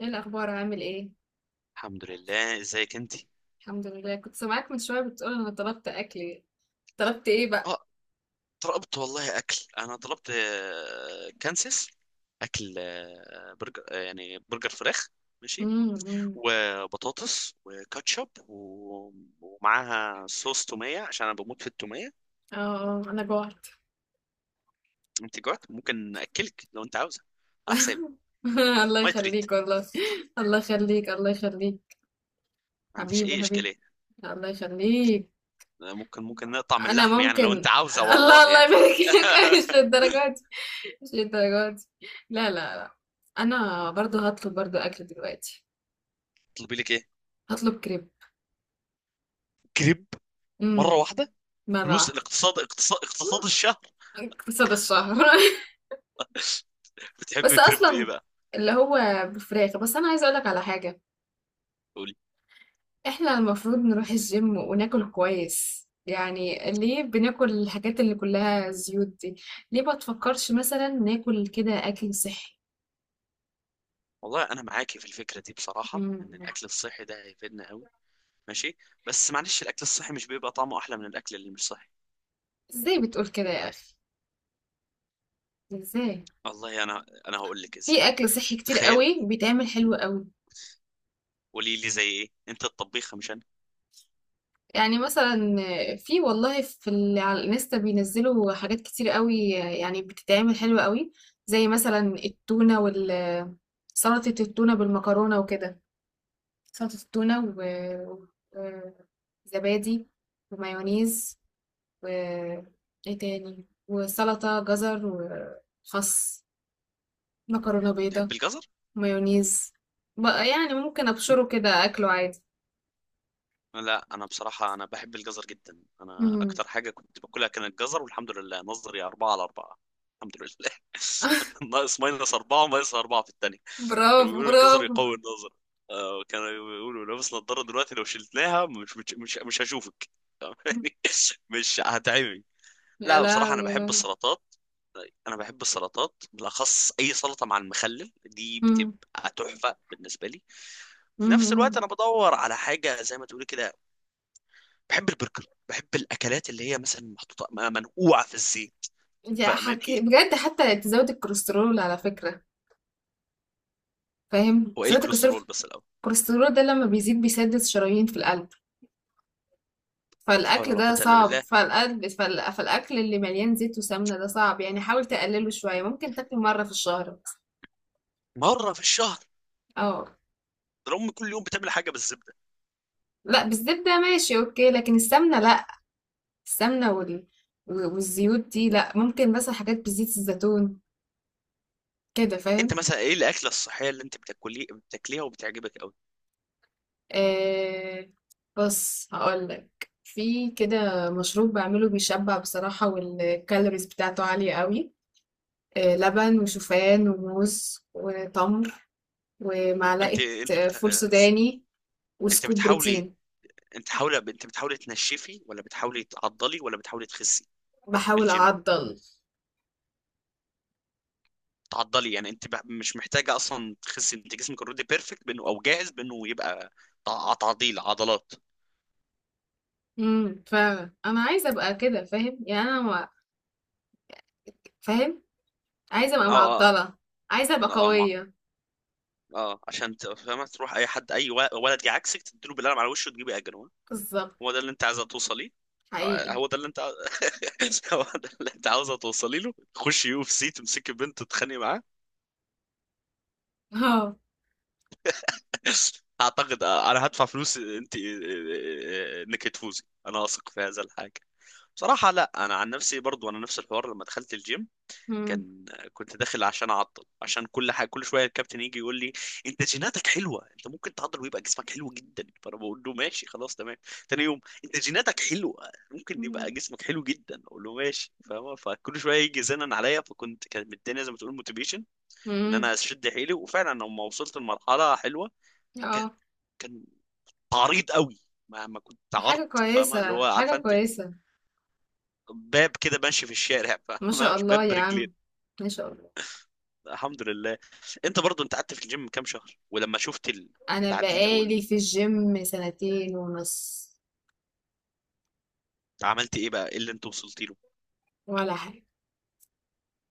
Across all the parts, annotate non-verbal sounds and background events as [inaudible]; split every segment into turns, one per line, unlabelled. ايه الاخبار؟ عامل ايه؟
الحمد لله ازيك انت.
الحمد لله. كنت سامعاك من شويه بتقول انا طلبت اكل. طلبت ايه بقى؟
اه طلبت والله اكل. انا طلبت كانسيس اكل، برجر، يعني برجر فراخ. ماشي.
أمم.
وبطاطس وكاتشب ومعاها صوص توميه، عشان انا بموت في التوميه.
اه اه، انا جوعت.
انت جوعت؟ ممكن اكلك لو انت عاوزه، على حسابي.
[laughs] الله
ما تريد.
يخليك والله. الله يخليك، الله يخليك.
ما عنديش
حبيبي
اي
حبيبي.
اشكاليه.
الله يخليك.
ممكن نقطع من
انا
اللحم يعني، لو انت
ممكن
عاوزه،
[laughs] الله
والله
الله
يعني.
يبارك لك. [laughs] مش
[laughs]
للدرجه دي. مش للدرجه دي. لا لا لا. انا برضو هطلب برضو اكل دلوقتي.
طلبي لك ايه؟
هطلب كريب.
كريب؟
امم.
مره واحده.
مره
فلوس
واحده.
الاقتصاد. اقتصاد اقتصاد الشهر.
[laughs] اقتصاد الشهر [laughs]
بتحب
بس
كريب ايه
اصلا،
بقى؟
اللي هو بالفراخ. بس انا عايزه اقولك على حاجه.
قولي.
احنا المفروض نروح الجيم وناكل كويس، يعني ليه بناكل الحاجات اللي كلها زيوت دي؟ ليه ما تفكرش مثلا ناكل كده اكل صحي؟
والله انا معاكي في الفكره دي بصراحه،
مم.
ان الاكل الصحي ده هيفيدنا قوي. ماشي. بس معلش، الاكل الصحي مش بيبقى طعمه احلى من الاكل اللي مش صحي.
ازاي بتقول كده يا اخي؟ ازاي؟
والله انا هقول لك
في
ازاي.
اكل صحي كتير
تخيل.
قوي بيتعمل حلو قوي.
قولي لي زي ايه، انت الطبيخه مش انا.
يعني مثلا، في والله، على الانستا بينزلوا حاجات كتير قوي، يعني بتتعمل حلوة قوي. زي مثلا التونة سلطة التونة بالمكرونة وكده. سلطة التونة و- وزبادي ومايونيز و ايه تاني، وسلطة جزر وخس، مكرونة بيضة،
تحب الجزر؟
مايونيز. بقى يعني ممكن ابشره كده اكله عادي.
لا انا بصراحه، انا بحب الجزر جدا. انا
مم.
اكتر حاجه كنت باكلها كان الجزر، والحمد لله نظري 4/4. الحمد لله.
[laughs]
[laughs] ناقص -4 وماينس أربعة في الثانية. كانوا
برافو
بيقولوا الجزر
برافو.
يقوي النظر. كانوا بيقولوا لابس نظارة دلوقتي، لو شلتناها مش هشوفك. [laughs] يعني مش هتعمي.
يا
لا بصراحة
لهوي
أنا
يا
بحب
لهوي.
السلطات. أنا بحب السلطات بالأخص، أي سلطة مع المخلل دي
إمم،
بتبقى تحفة بالنسبة لي. في
إمم،
نفس الوقت
إمم،
أنا بدور على حاجة زي ما تقولي كده. بحب البرجر، بحب الأكلات اللي هي مثلا محطوطة منقوعة في الزيت. [laughs]
أنتِ حك
فاهماني؟
بجد، حتى تزود الكوليسترول على فكرة. فاهم،
هو إيه
تزود الكوليسترول.
الكوليسترول بس الأول؟
الكوليسترول ده لمّا بيزيد بيسدد شرايين في القلب،
لا حول
فالأكل
ولا
ده
قوة إلا
صعب،
بالله.
فالقلب فال فالأكل اللي مليان زيت وسمنة ده صعب، يعني حاول تقلله شوية، ممكن تاكله مرة في الشهر مثلًا.
مرة في الشهر؟
آه،
ده أمي كل يوم بتعمل حاجة بالزبدة.
لأ بالزبدة ماشي أوكي، لكن السمنة لأ. السمنة والزيوت دي لأ، ممكن مثلًا حاجات بزيت الزيتون كده،
انت
فاهم؟
مثلا ايه الاكله الصحيه اللي انت بتاكليه بتاكليها وبتعجبك قوي؟
آه، بص هقولك، في كده مشروب بعمله بيشبع بصراحة، والكالوريز بتاعته عالية قوي. آه، لبن وشوفان وموز وتمر
انت
ومعلقة
انت بت...
فول سوداني،
انت
وسكوب
بتحاولي
بروتين.
انت بتحاولي تنشفي، ولا بتحاولي تعضلي، ولا بتحاولي تخسي؟
بحاول
بالجيم.
أعضل.
تعضلي يعني؟ مش محتاجه اصلا تخسي، انت جسمك اوريدي بيرفكت، بانه او جاهز بانه يبقى تعضيل عضلات.
فعلا أنا عايزة أبقى كده، فاهم؟ يعني أنا فاهم، عايزة أبقى
اه اه
معضلة، عايزة أبقى
اه. ما
قوية.
اه عشان فاهمه، تروح اي حد، ولد جه عكسك تديله بالقلم على وشه وتجيبي اجر.
بالظبط.
هو ده اللي انت عايزه توصليه.
حقيقي.
هو ده اللي انت. [laughs] هو ده اللي انت عاوزه توصلي له، خشي يو اف سي تمسكي بنت تتخانقي معاه.
اه.
[laughs] اعتقد انا هدفع فلوس انت انك تفوزي. انا اثق في هذا الحاجه. بصراحه لا، انا عن نفسي برضو انا نفس الحوار. لما دخلت الجيم
امم
كان كنت داخل عشان اعضل، عشان كل حاجه كل شويه الكابتن يجي يقول لي انت جيناتك حلوه، انت ممكن تعضل ويبقى جسمك حلو جدا. فانا بقول له ماشي خلاص تمام. تاني يوم انت جيناتك حلوه ممكن يبقى
امم
جسمك حلو جدا، اقول له ماشي، فاهم؟ فكل شويه يجي زنن عليا، كانت الدنيا زي ما تقول موتيفيشن ان
امم.
انا اشد حيلي. وفعلا لما وصلت لمرحله حلوه، كان
اه.
كان عريض قوي. ما كنت
حاجة
عرض، فاهمه اللي
كويسة
هو،
حاجة
عارفه انت؟
كويسة.
باب كده ماشي في الشارع،
ما شاء
فاهمه؟
الله
باب
يا
برجلين.
عم، ما شاء الله.
الحمد لله. انت برضو انت قعدت في الجيم كام شهر؟ ولما شفت
انا
التعديل او
بقالي
ال...
في الجيم سنتين ونص.
عملت ايه بقى، ايه اللي انت وصلت له؟
ولا حاجه.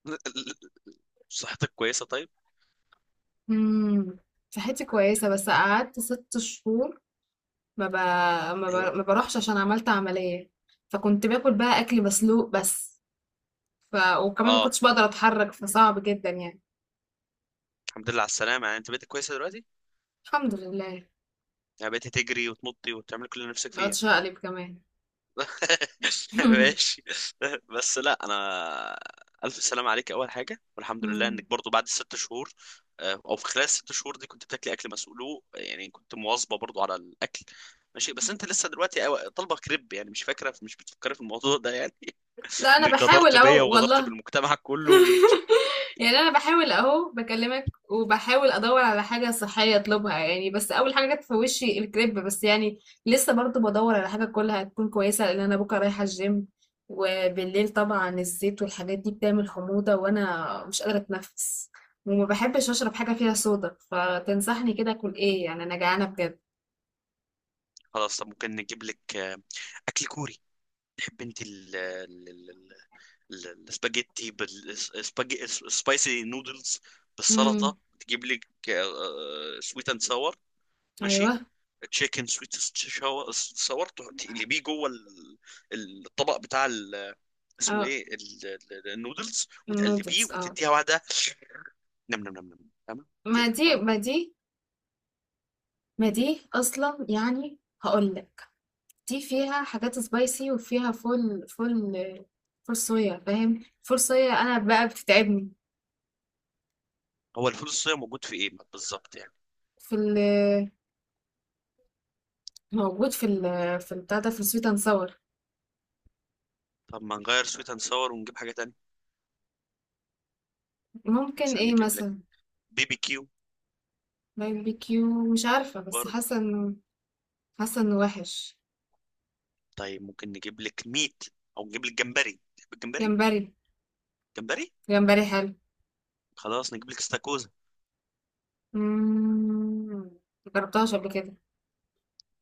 [laughs] صحتك كويسه طيب.
امم. صحتي كويسه، بس قعدت 6 شهور. ما ب...
ايوه.
ما بروحش عشان عملت عمليه، فكنت باكل بقى اكل مسلوق بس. ف... وكمان ما
اه.
كنتش بقدر اتحرك، فصعب جدا يعني.
الحمد لله على السلامه يعني، انت بقيت كويسه دلوقتي؟
الحمد لله.
يعني بقيت تجري وتنطي وتعمل كل اللي نفسك فيه
بقعد
يعني؟
اشقلب كمان.
[laughs]
[laughs]
ماشي. بس لا، انا الف سلام عليك اول حاجه، والحمد لله
أمم.
انك برضو بعد الـ 6 شهور. او في خلال الـ 6 شهور دي كنت بتاكلي اكل مسؤوله يعني، كنت مواظبه برضو على الاكل. ماشي. بس انت لسه دلوقتي طالبه كريب، يعني مش فاكره، مش بتفكري في الموضوع ده يعني.
لا،
[laughs]
انا
انك غدرت
بحاول
بيا
اهو
وغدرت
والله.
بالمجتمع كله
[laughs]
والجيم.
يعني انا بحاول اهو بكلمك، وبحاول ادور على حاجه صحيه اطلبها، يعني بس اول حاجه جت في وشي الكريب، بس يعني لسه برضو بدور على حاجه كلها تكون كويسه، لان انا بكره رايحه الجيم، وبالليل طبعا الزيت والحاجات دي بتعمل حموضه وانا مش قادره اتنفس، وما بحبش اشرب حاجه فيها صودا. فتنصحني كده اكل ايه؟ يعني انا جعانه بجد.
خلاص. طب ممكن نجيب لك اكل كوري. تحب انت السباجيتي بالسباجي السبايسي نودلز بالسلطه؟
امم.
تجيب لك سويت اند ساور. ماشي.
ايوه.
تشيكن سويت ساور تقلبيه جوه الطبق بتاع اسمه
اه.
ايه النودلز،
نودلز،
وتقلبيه
اه.
وتديها واحده. نم نم نم نم. فاهمه
ما
كده،
دي
فاهمه؟
ما دي ما دي اصلا يعني. هقول لك، دي فيها حاجات سبايسي، وفيها فول فول فول صويا، فاهم؟ فول صويا انا بقى بتتعبني.
هو الفول الصويا موجود في ايه بالظبط يعني؟
في ال موجود في ال في البتاع ده، في السويت اند ساور.
طب ما نغير سويت اند ساور ونجيب حاجه تانية.
ممكن
مثلا
ايه
نجيب لك
مثلا؟
بيبي كيو.
باربيكيو، مش عارفه، بس
برضه.
حاسه انه، حاسه انه وحش.
طيب ممكن نجيب لك ميت، او نجيب لك جمبري. تحب الجمبري؟
جمبري.
جمبري.
جمبري حلو.
خلاص نجيب لك استاكوزا.
مم، مجربتهاش قبل كده.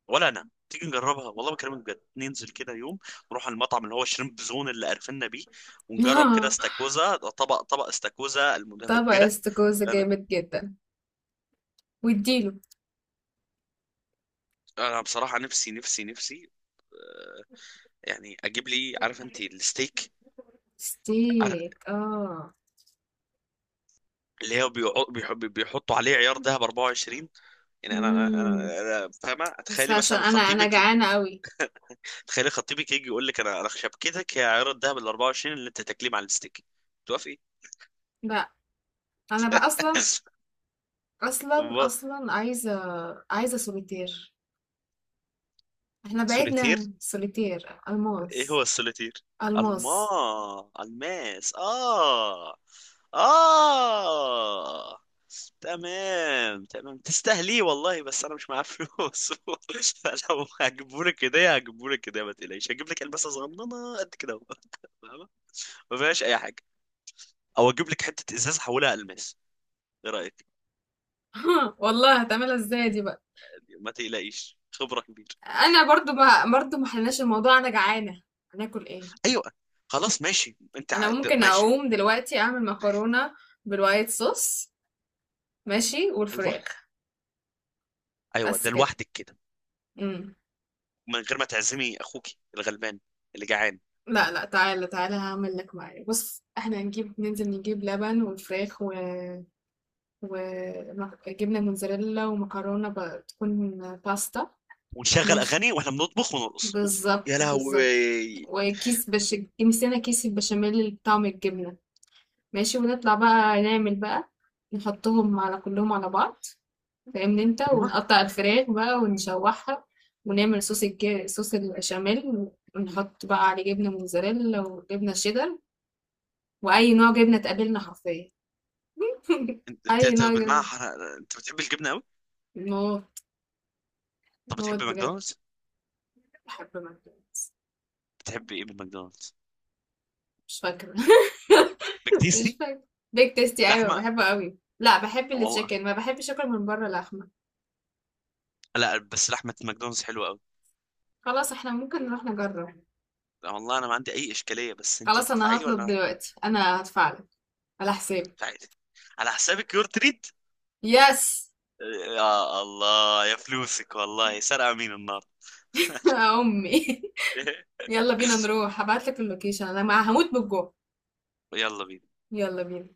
ولا انا. تيجي نجربها؟ والله بكلمك بجد، ننزل كده يوم نروح على المطعم اللي هو شريمب زون اللي عرفنا بيه، ونجرب كده
[laughs]
استاكوزا، طبق استاكوزا
طبق
المتفجره.
استكوزة
انا
جامد جدا. واديله.
بصراحه نفسي نفسي. آه، يعني اجيب لي، عارف انت الستيك؟ عار-
ستيك، اه.
اللي هو بيحطوا عليه عيار ذهب 24. يعني
مم.
أنا فاهمه.
بس
تخيلي
عشان
مثلا
انا
خطيبك.
جعانه قوي.
تخيلي خطيبك يجي يقول لك انا شبكتك هي عيار الذهب ال 24 اللي انت تاكليه مع الستيك، توافقي؟
لا. انا بقى اصلا،
[laughs]
اصلا اصلا عايزه، عايزه سوليتير. احنا
سوليتير.
بعدنا سوليتير
ايه هو
الماس.
السوليتير؟ الما...
الماس.
الماس. اه. اه. تمام تمام، تستاهليه والله، بس انا مش معايا فلوس. [laughs] لو هجيبهولك كده هجيبهولك كده، ما تقلقيش، هجيب لك الماسه صغننه قد كده اهو. [laughs] فاهمة؟ ما فيهاش اي حاجه، او اجيب لك حته ازاز احولها الماس. ايه رايك؟
[laughs] والله هتعملها ازاي دي بقى؟
ما تقلقيش، خبره كبيره.
انا برضو ما، برضو ما حلناش الموضوع، انا جعانه. هناكل ايه؟
ايوه. خلاص ماشي.
انا ممكن
ماشي.
اقوم دلوقتي اعمل مكرونه بالوايت صوص، ماشي،
ايوه.
والفراخ.
ايوه
بس
ده
كده.
لوحدك كده؟
امم.
من غير ما تعزمي اخوك الغلبان اللي جعان.
لا لا، تعالى تعالى، هعمل لك معايا. بص احنا هنجيب، ننزل نجيب لبن والفراخ وجبنة موتزاريلا ومكرونة تكون باستا.
ونشغل
ماشي.
اغاني واحنا بنطبخ ونرقص. اوف يا
بالظبط بالظبط.
لهوي.
وكيس مسكنا كيس البشاميل بطعم الجبنة. ماشي، ونطلع بقى نعمل بقى، نحطهم على كلهم على بعض، فاهمني انت،
هو
ونقطع الفراخ بقى ونشوحها، ونعمل صوص صوص البشاميل، ونحط بقى عليه جبنة موتزاريلا وجبنة شيدر، وأي نوع جبنة تقابلنا حرفيا.
انت
[laughs]
انت
أي
أنت
نوع
بالمعنى
جبنة.
انت بتحب الجبنه قوي؟
موت.
طب
موت
بتحب
بجد.
ماكدونالدز؟
بحب ماكدونالدز.
بتحب ايه من ماكدونالدز؟
مش فاكرة.
بيك
[laughs] مش
تيستي؟
فاكرة. بيك تيستي أيوة،
لحمه.
بحبه قوي. لا، بحب
والله.
التشيكن، ما بحبش أكل من بره لحمة.
لا بس لحمه ماكدونالدز حلوه قوي.
خلاص، احنا ممكن نروح نجرب.
والله انا ما عندي اي اشكاليه بس انت
خلاص، أنا
هتدفعي لي ولا
هطلب
أنا؟
دلوقتي، أنا هدفعلك، على حسابي.
هدفعي لي؟ على حسابك؟ يور تريد.
يس.
يا الله يا فلوسك والله،
[laughs]
سرقه مين النار.
يا أمي.
[laughs]
يلا بينا نروح، هبعتلك اللوكيشن، أنا هموت بالجوع.
يلا بينا.
يلا بينا.